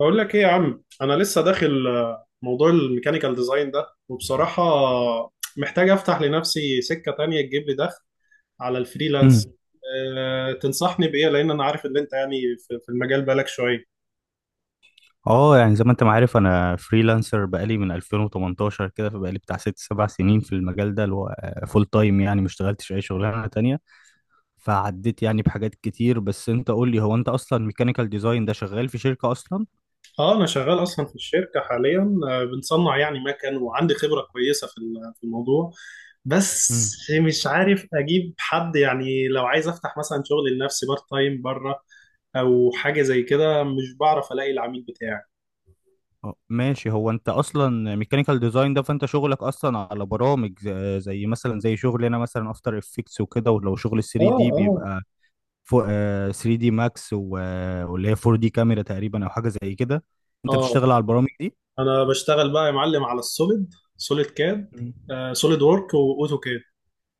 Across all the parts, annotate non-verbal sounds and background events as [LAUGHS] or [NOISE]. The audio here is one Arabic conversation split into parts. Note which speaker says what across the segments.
Speaker 1: بقول لك ايه يا عم؟ انا لسه داخل موضوع الميكانيكال ديزاين ده، وبصراحة محتاج افتح لنفسي سكة تانية تجيب لي دخل على الفريلانس.
Speaker 2: امم
Speaker 1: تنصحني بايه؟ لان انا عارف ان انت يعني في المجال بقالك شوية.
Speaker 2: اه، يعني زي ما انت ما عارف انا فريلانسر بقالي من 2018 كده، فبقالي بتاع ست سبع سنين في المجال ده اللي هو فول تايم، يعني ما اشتغلتش اي شغلانه تانية. فعديت يعني بحاجات كتير، بس انت قول لي، هو انت اصلا ميكانيكال ديزاين ده شغال في شركه اصلا؟
Speaker 1: اه، انا شغال اصلا في الشركة حاليا، بنصنع يعني مكن، وعندي خبرة كويسة في الموضوع، بس
Speaker 2: امم
Speaker 1: مش عارف اجيب حد، يعني لو عايز افتح مثلا شغل لنفسي بارت تايم بره او حاجة زي كده، مش بعرف الاقي العميل بتاعي.
Speaker 2: اه ماشي. هو انت اصلا ميكانيكال ديزاين ده، فانت شغلك اصلا على برامج زي مثلا زي شغلي انا، مثلا افتر افكتس وكده. ولو شغل 3 دي،
Speaker 1: اه.
Speaker 2: بيبقى 3D ماكس واللي هي 4D كاميرا تقريبا، او حاجه زي كده. انت
Speaker 1: اه،
Speaker 2: بتشتغل على البرامج دي؟
Speaker 1: انا بشتغل بقى يا معلم على سوليد كاد،
Speaker 2: مم.
Speaker 1: سوليد وورك واوتو كاد،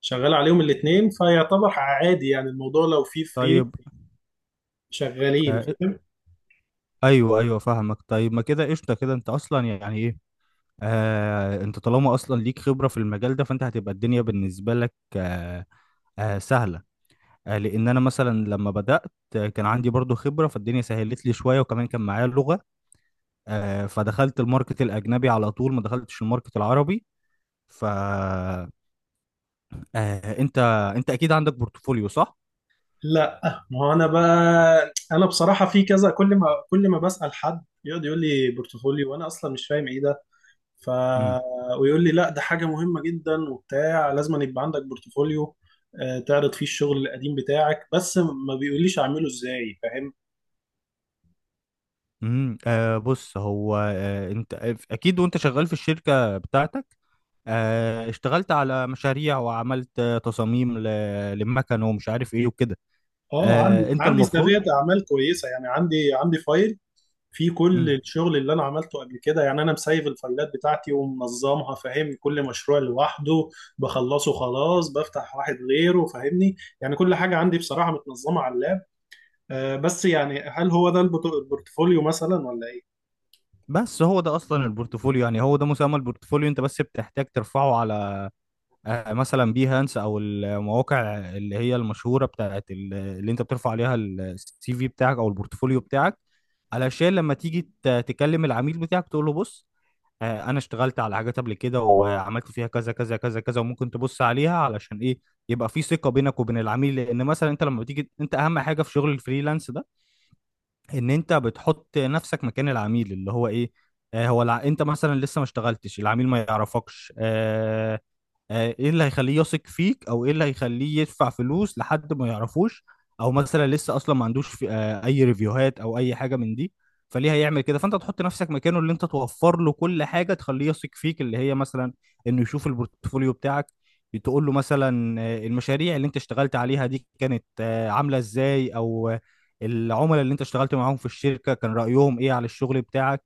Speaker 1: شغال عليهم الاثنين، فيعتبر عادي يعني الموضوع لو فيه فري
Speaker 2: طيب.
Speaker 1: شغالين،
Speaker 2: آه،
Speaker 1: فاهم؟
Speaker 2: ايوه ايوه، فاهمك. طيب، ما كده قشطه كده، انت اصلا يعني ايه، انت طالما اصلا ليك خبره في المجال ده، فانت هتبقى الدنيا بالنسبه لك سهله. لان انا مثلا لما بدات كان عندي برضو خبره، فالدنيا سهلت لي شويه، وكمان كان معايا اللغه، فدخلت الماركت الاجنبي على طول، ما دخلتش الماركت العربي. ف آه، انت، اكيد عندك بورتفوليو صح؟
Speaker 1: لا. ما هو انا بقى انا بصراحه في كذا، كل ما بسال حد يقعد يقول لي بورتفوليو، وانا اصلا مش فاهم ايه ده. ف
Speaker 2: امم
Speaker 1: ويقول لي لا، ده حاجه مهمه جدا وبتاع، لازم أن يبقى عندك بورتفوليو تعرض فيه الشغل القديم بتاعك، بس ما بيقوليش اعمله ازاي، فاهم؟
Speaker 2: بص، هو انت اكيد وانت شغال في الشركة بتاعتك اشتغلت على مشاريع، وعملت تصاميم للمكن، ومش عارف ايه وكده.
Speaker 1: اه، عندي
Speaker 2: انت
Speaker 1: عندي
Speaker 2: المفروض...
Speaker 1: سابقة اعمال كويسه، يعني عندي فايل فيه كل
Speaker 2: مم.
Speaker 1: الشغل اللي انا عملته قبل كده، يعني انا مسيف الفايلات بتاعتي ومنظمها، فاهم؟ كل مشروع لوحده بخلصه خلاص بفتح واحد غيره، فاهمني؟ يعني كل حاجه عندي بصراحه متنظمه على اللاب. بس يعني هل هو ده البورتفوليو مثلا، ولا ايه؟
Speaker 2: بس هو ده اصلا البورتفوليو، يعني هو ده مسمى البورتفوليو. انت بس بتحتاج ترفعه على مثلا بيهانس، او المواقع اللي هي المشهورة بتاعت اللي انت بترفع عليها السي في بتاعك او البورتفوليو بتاعك، علشان لما تيجي تكلم العميل بتاعك تقول له بص، انا اشتغلت على حاجات قبل كده وعملت فيها كذا كذا كذا كذا، وممكن تبص عليها، علشان ايه؟ يبقى في ثقة بينك وبين العميل. لان مثلا انت لما بتيجي، انت اهم حاجة في شغل الفريلانس ده ان انت بتحط نفسك مكان العميل، اللي هو ايه، انت مثلا لسه ما اشتغلتش، العميل ما يعرفكش، ايه اللي هيخليه يثق فيك، او ايه اللي هيخليه يدفع فلوس لحد ما يعرفوش؟ او مثلا لسه اصلا ما عندوش في اي ريفيوهات او اي حاجه من دي، فليه هيعمل كده؟ فانت تحط نفسك مكانه، اللي انت توفر له كل حاجه تخليه يثق فيك، اللي هي مثلا انه يشوف البورتفوليو بتاعك. تقول له مثلا المشاريع اللي انت اشتغلت عليها دي كانت عامله ازاي، او العملاء اللي انت اشتغلت معاهم في الشركه كان رايهم ايه على الشغل بتاعك.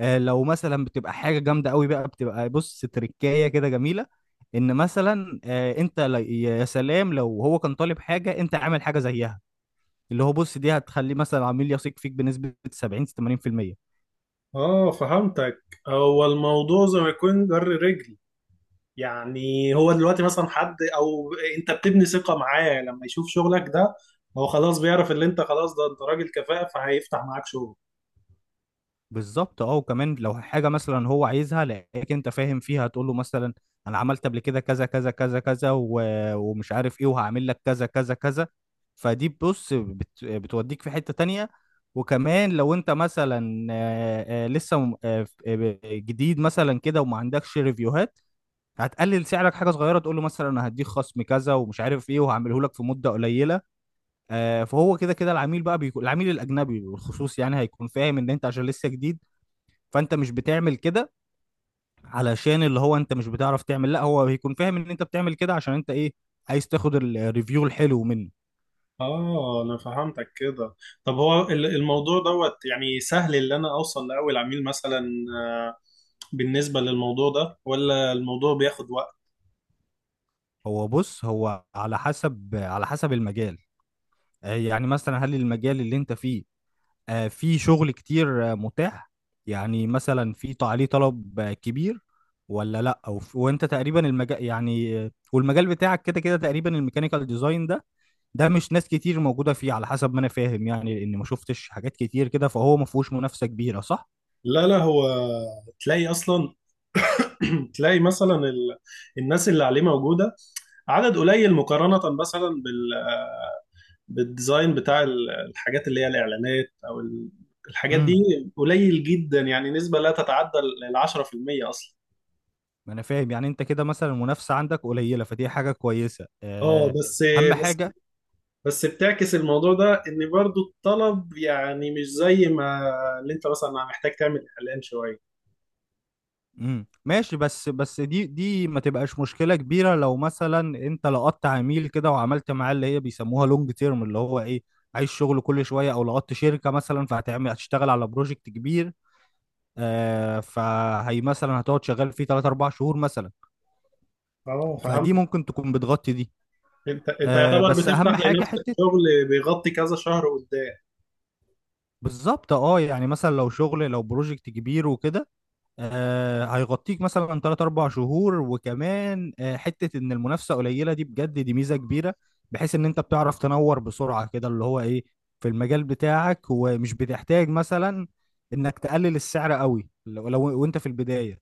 Speaker 2: لو مثلا بتبقى حاجه جامده قوي بقى، بتبقى بص تركايه كده جميله، ان مثلا انت يا سلام لو هو كان طالب حاجه انت عامل حاجه زيها، اللي هو بص، دي هتخليه مثلا عميل يثق فيك بنسبه 70 80%.
Speaker 1: اه، فهمتك. هو الموضوع زي ما يكون جر رجل، يعني هو دلوقتي مثلا حد او انت بتبني ثقة معاه، لما يشوف شغلك ده هو خلاص بيعرف اللي انت، خلاص ده انت راجل كفاءة، فهيفتح معاك شغل.
Speaker 2: بالظبط، اه. وكمان لو حاجه مثلا هو عايزها لقيك انت فاهم فيها، تقول له مثلا انا عملت قبل كده كذا كذا كذا كذا ومش عارف ايه، وهعمل لك كذا كذا كذا. فدي بص بتوديك في حته تانية. وكمان لو انت مثلا لسه جديد مثلا كده وما عندكش ريفيوهات، هتقلل سعرك حاجه صغيره تقول له مثلا انا هديك خصم كذا ومش عارف ايه، وهعمله لك في مده قليله. فهو كده كده العميل بقى بيكون، العميل الاجنبي بالخصوص، يعني هيكون فاهم ان انت عشان لسه جديد فانت مش بتعمل كده علشان اللي هو انت مش بتعرف تعمل، لا، هو بيكون فاهم ان انت بتعمل كده عشان انت ايه، عايز تاخد الريفيو الحلو منه.
Speaker 1: اه، انا فهمتك كده. طب هو الموضوع دوت يعني سهل اللي انا اوصل لاول عميل مثلا، آه، بالنسبة للموضوع ده، ولا الموضوع بياخد وقت؟
Speaker 2: هو بص، هو على حسب على حسب المجال. يعني مثلا هل المجال اللي انت فيه فيه شغل كتير متاح؟ يعني مثلا عليه طلب كبير ولا لا؟ أو وانت تقريبا المجال يعني والمجال بتاعك كده كده تقريبا، الميكانيكال ديزاين ده، ده مش ناس كتير موجودة فيه على حسب ما أنا فاهم يعني. لأن ما شفتش حاجات كتير كده، فهو ما فيهوش منافسة كبيرة صح؟
Speaker 1: لا، لا، هو تلاقي اصلا [CLEARS THROAT] تلاقي مثلا الناس اللي عليه موجودة عدد قليل، مقارنة مثلا بالديزاين بتاع الحاجات اللي هي الإعلانات، الحاجات دي،
Speaker 2: امم
Speaker 1: قليل جدا، يعني نسبة لا تتعدى ال 10% أصلا.
Speaker 2: ما أنا فاهم يعني أنت كده مثلا المنافسة عندك قليلة، فدي حاجة كويسة.
Speaker 1: اه،
Speaker 2: أهم
Speaker 1: بس
Speaker 2: حاجة.
Speaker 1: بس بتعكس الموضوع ده ان برضو الطلب يعني مش زي ما اللي انت مثلا محتاج تعمل اعلان شويه.
Speaker 2: ماشي. بس دي ما تبقاش مشكلة كبيرة لو مثلا أنت لقطت عميل كده وعملت معاه اللي هي بيسموها لونج تيرم، اللي هو إيه، عايز شغل كل شوية، أو لقطت شركة مثلا، فهتعمل هتشتغل على بروجكت كبير. فهي مثلا هتقعد شغال فيه 3 4 شهور مثلا،
Speaker 1: اه، فهمت.
Speaker 2: فدي ممكن تكون بتغطي دي.
Speaker 1: انت يعتبر
Speaker 2: بس اهم
Speaker 1: بتفتح
Speaker 2: حاجه
Speaker 1: لنفسك
Speaker 2: حته.
Speaker 1: شغل بيغطي كذا شهر قدام.
Speaker 2: بالظبط، اه. يعني مثلا لو بروجكت كبير وكده، هيغطيك مثلا 3 4 شهور، وكمان حته ان المنافسه قليله دي، بجد دي ميزه كبيره، بحيث ان انت بتعرف تنور بسرعه كده، اللي هو ايه، في المجال بتاعك، ومش بتحتاج مثلا انك تقلل السعر قوي، لو وانت في البدايه.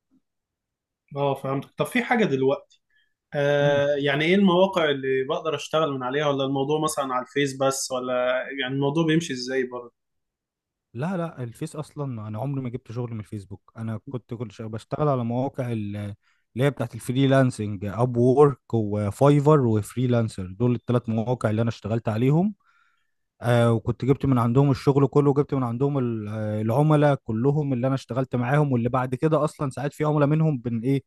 Speaker 1: اه، فهمت. طب في حاجه دلوقتي، يعني ايه المواقع اللي بقدر اشتغل من عليها؟ ولا الموضوع مثلا على الفيس بس، ولا يعني الموضوع بيمشي ازاي برضه؟
Speaker 2: لا لا، الفيس اصلا انا عمري ما جبت شغل من الفيسبوك. انا كنت بشتغل على مواقع اللي هي بتاعت الفريلانسنج، اب وورك وفايفر وفريلانسر، دول الثلاث مواقع اللي انا اشتغلت عليهم. وكنت جبت من عندهم الشغل كله، وجبت من عندهم العملاء كلهم اللي انا اشتغلت معاهم، واللي بعد كده اصلا ساعات في عملاء منهم بن ايه،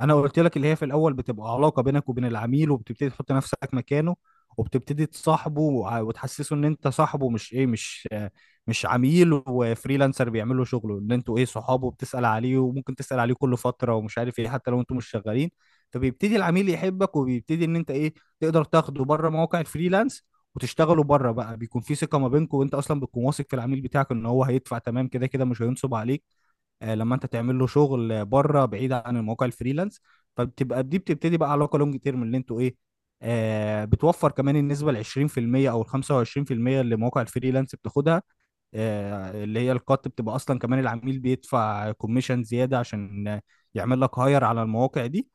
Speaker 2: انا قلت لك اللي هي في الاول بتبقى علاقه بينك وبين العميل، وبتبتدي تحط نفسك مكانه وبتبتدي تصاحبه وتحسسه ان انت صاحبه، مش ايه، مش مش عميل وفريلانسر بيعمل له شغله، ان انتوا ايه، صحابه، وبتسال عليه، وممكن تسال عليه كل فتره ومش عارف ايه، حتى لو انتوا مش شغالين. فبيبتدي العميل يحبك، وبيبتدي ان انت ايه، تقدر تاخده بره مواقع الفريلانس وتشتغلوا بره بقى. بيكون في ثقه ما بينكم، وانت اصلا بتكون واثق في العميل بتاعك ان هو هيدفع، تمام كده كده، مش هينصب عليك لما انت تعمل له شغل بره بعيد عن المواقع الفريلانس. فبتبقى دي، بتبتدي بقى علاقه لونج تيرم اللي انتوا ايه، بتوفر كمان النسبه ال 20% او ال 25% اللي مواقع الفريلانس بتاخدها. اللي هي القط، بتبقى اصلا كمان العميل بيدفع كوميشن زياده عشان يعمل لك هاير على المواقع دي.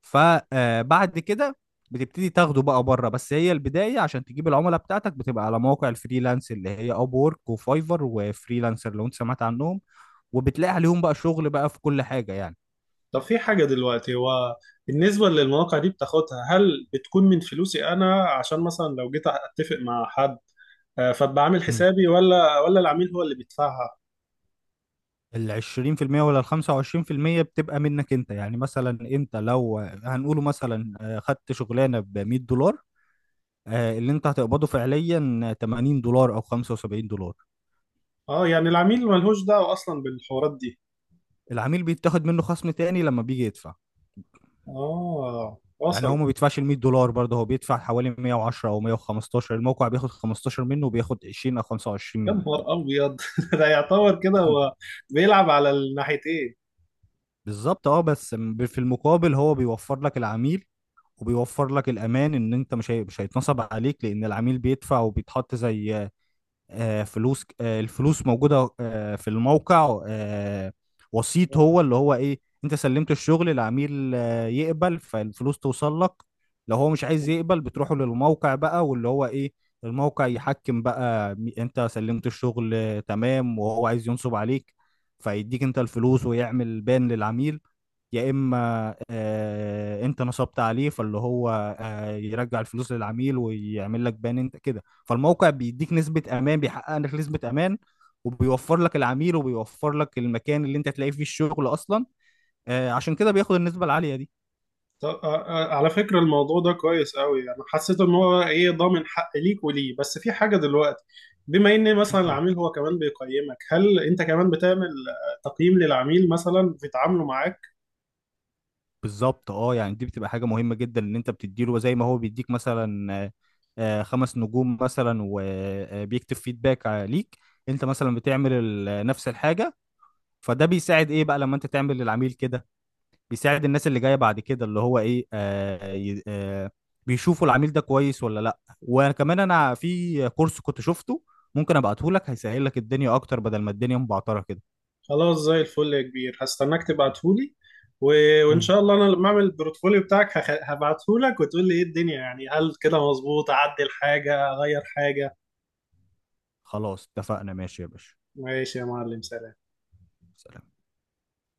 Speaker 2: فبعد كده بتبتدي تاخده بقى بره. بس هي البدايه، عشان تجيب العملاء بتاعتك بتبقى على مواقع الفريلانس، اللي هي اب وورك وفايفر وفريلانسر، لو انت سمعت عنهم، وبتلاقي عليهم بقى شغل بقى في كل حاجه يعني.
Speaker 1: طب في حاجة دلوقتي، هو بالنسبة للمواقع دي بتاخدها، هل بتكون من فلوسي أنا، عشان مثلا لو جيت أتفق مع حد، فأبقى عامل
Speaker 2: مم.
Speaker 1: حسابي، ولا العميل هو اللي بيدفعها؟
Speaker 2: ال 20% ولا ال 25% بتبقى منك انت. يعني مثلا انت لو هنقوله مثلا خدت شغلانه ب $100، اللي انت هتقبضه فعليا $80 او $75.
Speaker 1: أه، يعني العميل ملهوش دعوة أصلا بالحوارات دي.
Speaker 2: العميل بيتاخد منه خصم تاني لما بيجي يدفع.
Speaker 1: أه،
Speaker 2: يعني هو
Speaker 1: وصل.
Speaker 2: ما بيدفعش ال $100 برضه، هو بيدفع حوالي 110 او 115. الموقع بياخد 15 منه وبياخد 20 او 25
Speaker 1: يا
Speaker 2: منك.
Speaker 1: نهار أبيض! [LAUGHS] ده يعتبر كده هو بيلعب على الناحيتين.
Speaker 2: بالظبط، اه. بس في المقابل هو بيوفر لك العميل، وبيوفر لك الامان، ان انت مش هيتنصب عليك، لان العميل بيدفع وبيتحط، زي آه، فلوس آه، الفلوس موجودة في الموقع وسيط، هو اللي هو ايه، انت سلمت الشغل العميل يقبل فالفلوس توصل لك. لو هو مش عايز يقبل، بتروحوا للموقع بقى، واللي هو ايه، الموقع يحكم بقى، انت سلمت الشغل تمام، وهو عايز ينصب عليك، فيديك انت الفلوس ويعمل بان للعميل. يا اما انت نصبت عليه، فاللي هو يرجع الفلوس للعميل ويعمل لك بان انت كده. فالموقع بيديك نسبة امان، بيحقق لك نسبة امان، وبيوفر لك العميل، وبيوفر لك المكان اللي انت هتلاقي فيه الشغل اصلا. عشان كده بياخد النسبة العالية دي.
Speaker 1: طب على فكرة الموضوع ده كويس قوي، انا حسيت ان هو ايه ضامن حق ليك وليه، بس في حاجة دلوقتي، بما ان مثلا
Speaker 2: مم.
Speaker 1: العميل هو كمان بيقيمك، هل انت كمان بتعمل تقييم للعميل مثلا في تعامله معاك؟
Speaker 2: بالظبط، اه. يعني دي بتبقى حاجة مهمة جدا ان انت بتديله زي ما هو بيديك مثلا، خمس نجوم مثلا وبيكتب فيدباك ليك، انت مثلا بتعمل نفس الحاجة. فده بيساعد ايه بقى لما انت تعمل للعميل كده؟ بيساعد الناس اللي جايه بعد كده، اللي هو ايه، بيشوفوا العميل ده كويس ولا لا. وكمان انا في كورس كنت شفته ممكن ابعته لك، هيسهل لك الدنيا اكتر بدل ما الدنيا مبعتره كده.
Speaker 1: خلاص، زي الفل يا كبير، هستناك تبعتهولي و... وان
Speaker 2: مم.
Speaker 1: شاء الله انا لما اعمل البورتفوليو بتاعك هبعتهولك وتقول لي ايه الدنيا، يعني هل كده مظبوط؟ اعدل حاجة؟ اغير حاجة؟
Speaker 2: خلاص، اتفقنا. ماشي يا باشا.
Speaker 1: ماشي يا معلم، سلام.
Speaker 2: سلام.